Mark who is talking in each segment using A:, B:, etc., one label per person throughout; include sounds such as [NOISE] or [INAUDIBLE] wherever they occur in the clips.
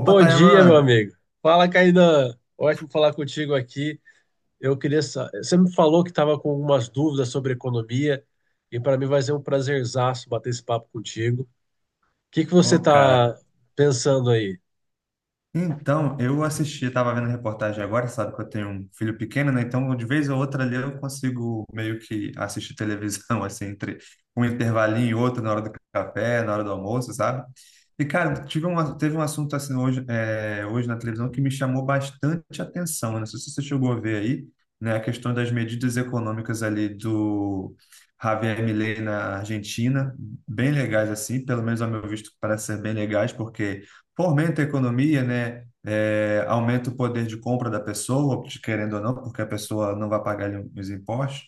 A: Opa,
B: dia, meu
A: Tayaman!
B: amigo. Fala, Cainan. Ótimo falar contigo aqui. Você me falou que estava com algumas dúvidas sobre economia, e para mim vai ser um prazerzaço bater esse papo contigo. O que que você
A: Ô,
B: está
A: cara,
B: pensando aí?
A: então, eu assisti, estava vendo a reportagem agora, sabe que eu tenho um filho pequeno, né? Então, de vez ou outra ali eu consigo meio que assistir televisão, [LAUGHS] assim, entre um intervalinho e outro, na hora do café, na hora do almoço, sabe? E, cara, teve um assunto assim hoje, hoje na televisão que me chamou bastante atenção, né? Não sei se você chegou a ver aí, né? A questão das medidas econômicas ali do Javier Milei na Argentina, bem legais, assim, pelo menos ao meu visto, parece ser bem legais, porque fomenta a economia, né? É, aumenta o poder de compra da pessoa, querendo ou não, porque a pessoa não vai pagar ali os impostos,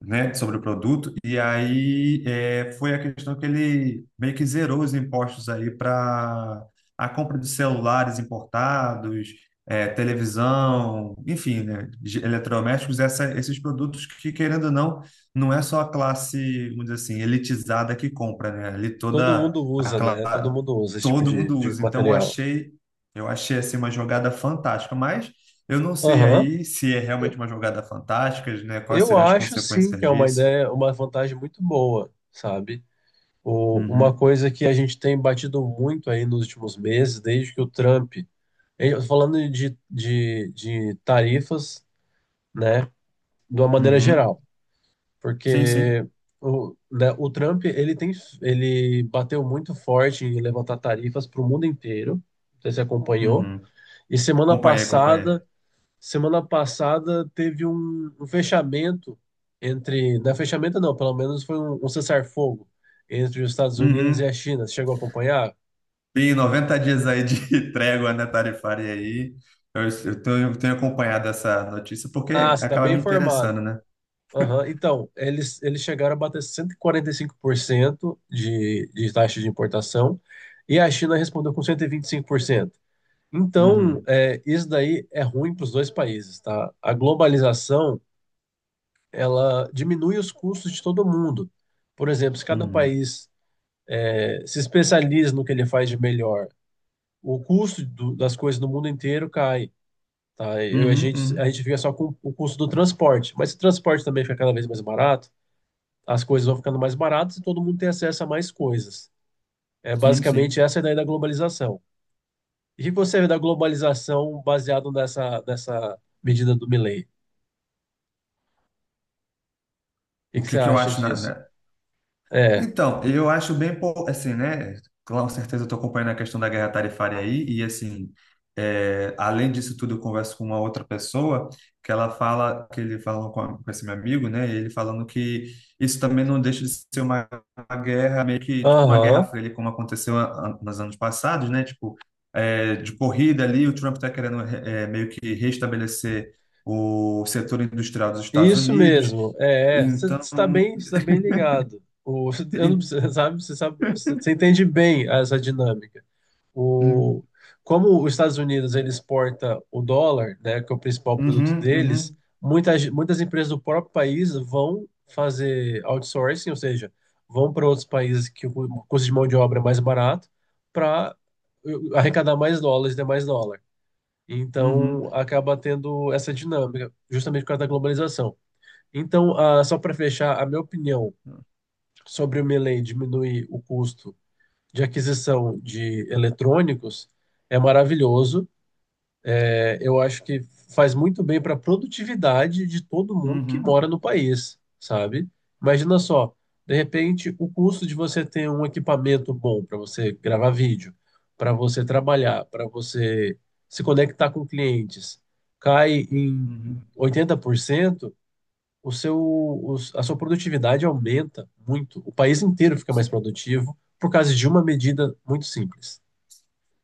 A: né, sobre o produto. E aí foi a questão que ele meio que zerou os impostos aí para a compra de celulares importados, é, televisão, enfim, né, de eletrodomésticos, esses produtos que, querendo ou não, não é só a classe, vamos dizer assim, elitizada que compra, né? Ali
B: Todo
A: toda
B: mundo usa, né?
A: a
B: Todo mundo usa esse tipo
A: Todo
B: de,
A: mundo
B: de
A: usa. Então
B: material.
A: eu achei assim uma jogada fantástica, mas eu não sei
B: Aham.
A: aí se é realmente
B: Eu,
A: uma jogada fantástica, né? Quais
B: eu
A: seriam as
B: acho sim que
A: consequências
B: é uma
A: disso?
B: ideia, uma vantagem muito boa, sabe? Uma
A: Uhum,
B: coisa que a gente tem batido muito aí nos últimos meses, desde que o Trump. Tô falando de tarifas, né, de uma maneira
A: uhum.
B: geral,
A: Sim, sim.
B: porque né, o Trump ele bateu muito forte em levantar tarifas para o mundo inteiro. Não sei se você acompanhou?
A: Uhum.
B: E semana
A: Acompanhei, acompanhei.
B: passada, semana passada teve um, um fechamento. Não é fechamento não, pelo menos foi um cessar-fogo entre os Estados Unidos e a
A: Uhum.
B: China. Você chegou a acompanhar?
A: Tem 90 dias aí de [LAUGHS] trégua, né, tarifária aí. Eu tenho acompanhado essa notícia porque
B: Ah, você está
A: acaba
B: bem
A: me
B: informado.
A: interessando, né?
B: Aham, então, eles chegaram a bater 145% de taxa de importação e a China respondeu com 125%. Então,
A: Uhum,
B: é, isso daí é ruim para os dois países, tá? A globalização, ela diminui os custos de todo mundo. Por exemplo, se cada
A: uhum,
B: país se especializa no que ele faz de melhor, o custo das coisas no mundo inteiro cai, tá? Eu, a
A: uhum,
B: gente, a
A: uhum.
B: gente fica só com o custo do transporte, mas o transporte também fica cada vez mais barato, as coisas vão ficando mais baratas e todo mundo tem acesso a mais coisas. É
A: Sim,
B: basicamente
A: sim.
B: essa a ideia da globalização. E o que você vê da globalização baseado nessa medida do Milei? O que
A: O
B: que você
A: que que eu
B: acha
A: acho na,
B: disso?
A: na-
B: É,
A: Então, eu acho assim, né? Com certeza eu estou acompanhando a questão da guerra tarifária aí, e assim, é, além disso tudo, eu converso com uma outra pessoa que ele falou com esse meu amigo, né? E ele falando que isso também não deixa de ser uma guerra, meio que tipo uma guerra
B: aham,
A: fria, ali, como aconteceu nos anos passados, né? Tipo, é, de corrida ali, o Trump está querendo meio que restabelecer o setor industrial dos Estados
B: isso
A: Unidos.
B: mesmo. É, é. você
A: Então,
B: está bem, você está bem ligado. O, eu não, você sabe, você sabe, você entende bem essa dinâmica. O,
A: en-
B: como os Estados Unidos ele exporta o dólar, né, que é o principal produto
A: uhum,
B: deles,
A: uhum,
B: muitas empresas do próprio país vão fazer outsourcing, ou seja, vão para outros países que o custo de mão de obra é mais barato para arrecadar mais dólares e ter mais dólar.
A: uhum,
B: Então, acaba tendo essa dinâmica, justamente por causa da globalização. Então, só para fechar, a minha opinião sobre o Melee diminuir o custo de aquisição de eletrônicos é maravilhoso. É, eu acho que faz muito bem para a produtividade de todo mundo que
A: uhum,
B: mora no país, sabe? Imagina só, de repente, o custo de você ter um equipamento bom para você gravar vídeo, para você trabalhar, para você se conectar com clientes, cai em
A: uhum.
B: 80%, o seu, a sua produtividade aumenta muito. O país inteiro fica mais
A: Sim.
B: produtivo por causa de uma medida muito simples.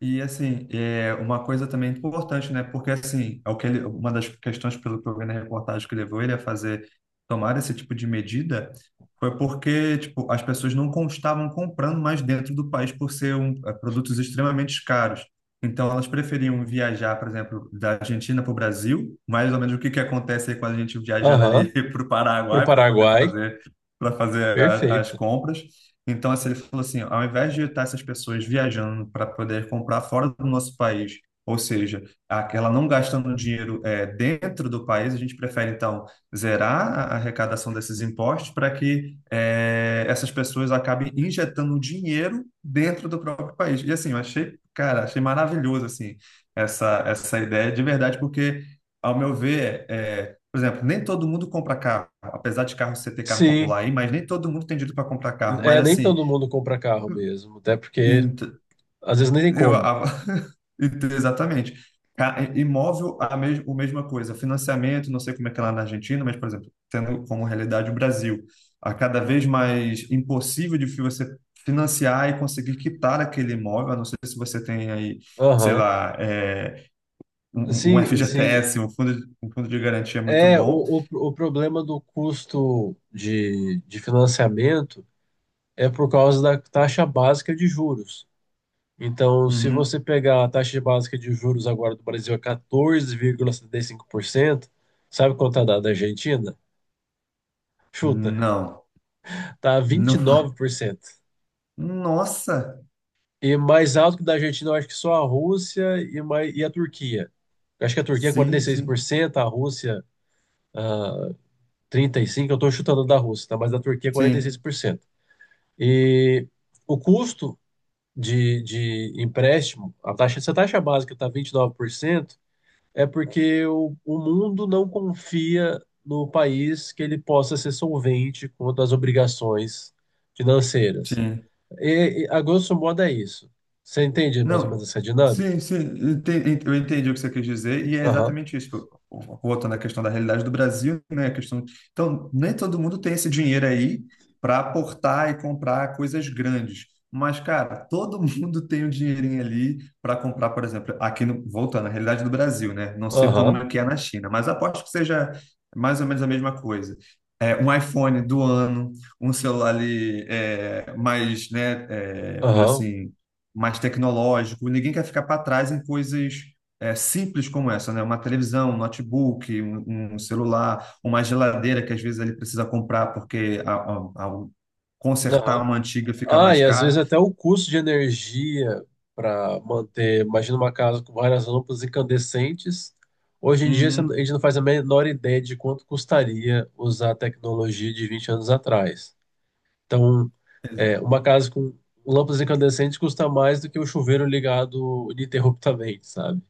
A: E assim, é uma coisa também importante, né? Porque assim, é o que ele, uma das questões pelo que eu vi na reportagem que levou ele a fazer tomar esse tipo de medida foi porque, tipo, as pessoas não con- estavam comprando mais dentro do país por ser eh, produtos extremamente caros. Então, elas preferiam viajar, por exemplo, da Argentina para o Brasil, mais ou menos o que que acontece aí quando a gente viajando
B: Aham,
A: ali [LAUGHS] para o
B: pro
A: Paraguai para poder
B: Paraguai.
A: fazer para fazer as
B: Perfeito.
A: compras. Então, assim, ele falou assim, ao invés de estar essas pessoas viajando para poder comprar fora do nosso país, ou seja, aquela não gastando dinheiro eh, dentro do país, a gente prefere, então, zerar a arrecadação desses impostos para que eh, essas pessoas acabem injetando dinheiro dentro do próprio país. E, assim, eu achei, cara, achei maravilhoso, assim, essa ideia de verdade, porque, ao meu ver, eh, por exemplo, nem todo mundo compra carro, apesar de carro você ter carro
B: Sim,
A: popular aí, mas nem todo mundo tem dinheiro para comprar carro. Mas
B: nem
A: assim,
B: todo mundo compra carro mesmo, até porque
A: ent-
B: às vezes nem tem
A: eu,
B: como.
A: a- [LAUGHS] exatamente. Imóvel, a mesma coisa. Financiamento, não sei como é que é lá na Argentina, mas, por exemplo, tendo como realidade o Brasil, a cada vez mais impossível de você financiar e conseguir quitar aquele imóvel, a não ser se você tem aí, sei
B: Aham.
A: lá, é, um
B: Sim, sim.
A: FGTS, um fundo de garantia muito
B: É, o,
A: bom.
B: o, o problema do custo de financiamento é por causa da taxa básica de juros. Então, se
A: Uhum.
B: você pegar a taxa básica de juros agora do Brasil é 14,75%, sabe quanto tá da Argentina? Chuta,
A: Não.
B: tá vinte
A: Não.
B: e
A: fa-
B: nove por cento.
A: Nossa!
B: E mais alto que da Argentina, eu acho que só a Rússia e a Turquia. Eu acho que a Turquia é
A: Sim, sim,
B: 46%, a Rússia 35%, eu estou chutando da Rússia, tá? Mas da Turquia é
A: sim,
B: 46%. E 6%. E o custo de empréstimo, se a taxa básica está 29%, é porque o mundo não confia no país que ele possa ser solvente quanto às obrigações financeiras.
A: sim.
B: A grosso modo é isso. Você entende mais ou
A: Não,
B: menos essa dinâmica?
A: sim, sim, eu entendi o que você quis dizer, e é exatamente isso. Tipo, voltando à questão da realidade do Brasil, né? A questão... Então, nem todo mundo tem esse dinheiro aí para aportar e comprar coisas grandes. Mas, cara, todo [LAUGHS] mundo tem o dinheirinho ali para comprar, por exemplo, aqui no... voltando à realidade do Brasil, né? Não sei como
B: Aham,
A: é que é na China, mas aposto que seja mais ou menos a mesma coisa. É, um iPhone do ano, um celular ali mais, né, é, vamos dizer
B: aham,
A: assim mais tecnológico. Ninguém quer ficar para trás em coisas é, simples como essa, né? Uma televisão, um notebook, um celular, uma geladeira que às vezes ele precisa comprar porque a- consertar
B: aham.
A: uma antiga fica
B: Ah,
A: mais
B: e às
A: caro.
B: vezes até o custo de energia para manter, imagina uma casa com várias lâmpadas incandescentes. Hoje em dia a
A: Uhum.
B: gente não faz a menor ideia de quanto custaria usar a tecnologia de 20 anos atrás. Então, uma casa com lâmpadas incandescentes custa mais do que o chuveiro ligado ininterruptamente, sabe?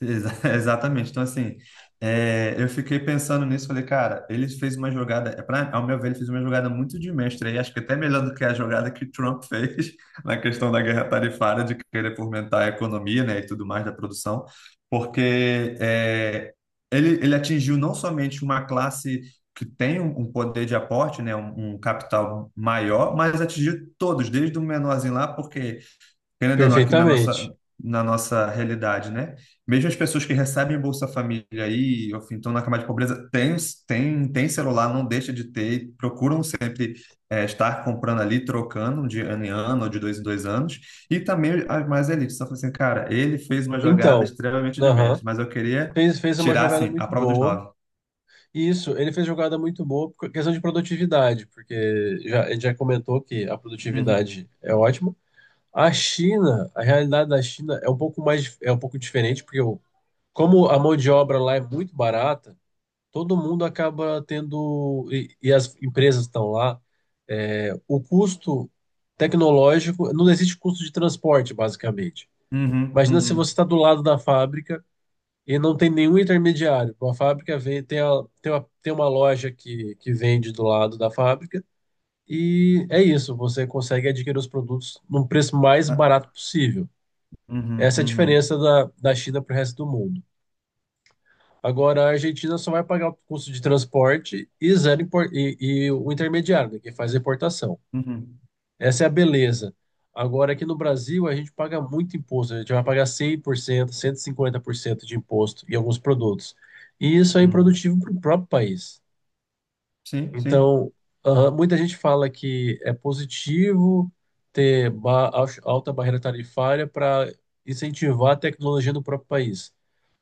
A: [LAUGHS] Exatamente. Então, assim, é, eu fiquei pensando nisso, falei, cara, ele fez uma jogada, é pra, ao meu ver, ele fez uma jogada muito de mestre aí, acho que até melhor do que a jogada que o Trump fez [LAUGHS] na questão da guerra tarifária, de querer fomentar a economia, né, e tudo mais da produção, porque é, ele atingiu não somente uma classe que tem um poder de aporte, né, um capital maior, mas atingiu todos, desde o menorzinho lá, porque querendo ou não,
B: Perfeitamente.
A: na nossa realidade, né? Mesmo as pessoas que recebem Bolsa Família aí, ou enfim, estão na camada de pobreza, tem celular, não deixa de ter, procuram sempre eh, estar comprando ali, trocando de ano em ano, ou de dois em dois anos, e também as mais elites. Só assim, cara, ele fez uma jogada
B: Então,
A: extremamente de
B: aham,
A: mestre, mas eu queria
B: fez uma
A: tirar,
B: jogada
A: assim, a
B: muito
A: prova dos
B: boa.
A: nove.
B: E isso, ele fez jogada muito boa por questão de produtividade, porque ele já comentou que a
A: Uhum,
B: produtividade é ótima. A China, a realidade da China é um pouco diferente, porque como a mão de obra lá é muito barata, todo mundo acaba tendo, e as empresas estão lá, o custo tecnológico, não existe custo de transporte, basicamente.
A: uhum,
B: Imagina se você
A: uhum,
B: está do lado da fábrica e não tem nenhum intermediário. A fábrica vem, tem, a, tem uma loja que vende do lado da fábrica, e é isso, você consegue adquirir os produtos num preço mais barato
A: ah,
B: possível.
A: uhum,
B: Essa é a
A: uhum,
B: diferença da China para o resto do mundo. Agora, a Argentina só vai pagar o custo de transporte e o intermediário, né, que faz a importação.
A: uhum,
B: Essa é a beleza. Agora, aqui no Brasil, a gente paga muito imposto. A gente vai pagar 100%, 150% de imposto em alguns produtos. E isso é
A: uhum.
B: improdutivo para o próprio país.
A: Sim, sim.
B: Então, muita gente fala que é positivo ter alta barreira tarifária para incentivar a tecnologia no próprio país.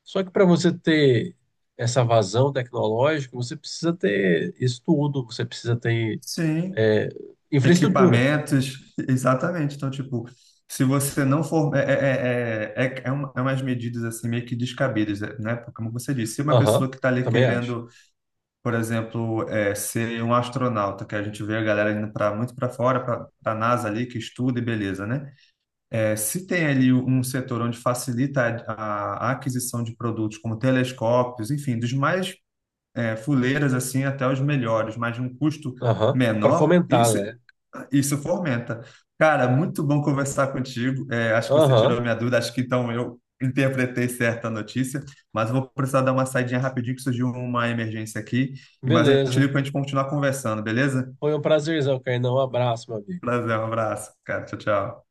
B: Só que para você ter essa vazão tecnológica, você precisa ter estudo, você precisa ter
A: Sim,
B: é, infraestrutura.
A: equipamentos, exatamente. Então, tipo, se você não for. É, é, é, é, é é é umas medidas assim meio que descabidas, né? Porque, como você disse, se uma
B: Aham,
A: pessoa que está ali
B: também acho.
A: querendo, por exemplo, é, ser um astronauta, que a gente vê a galera indo para muito para fora, para a NASA ali, que estuda e beleza, né? É, se tem ali um setor onde facilita a aquisição de produtos como telescópios, enfim, dos mais é, fuleiras assim até os melhores, mas de um custo
B: Aham, para
A: menor,
B: fomentar, né?
A: isso fomenta. Cara, muito bom conversar contigo. É, acho que você
B: Aham,
A: tirou a minha dúvida, acho que então eu interpretei certa notícia, mas eu vou precisar dar uma saidinha rapidinho que surgiu uma emergência aqui, mas eu te
B: beleza.
A: ligo para a gente continuar conversando, beleza?
B: Foi um prazerzão, Kainan. Um abraço, meu amigo.
A: Prazer, um abraço, cara. Tchau, tchau.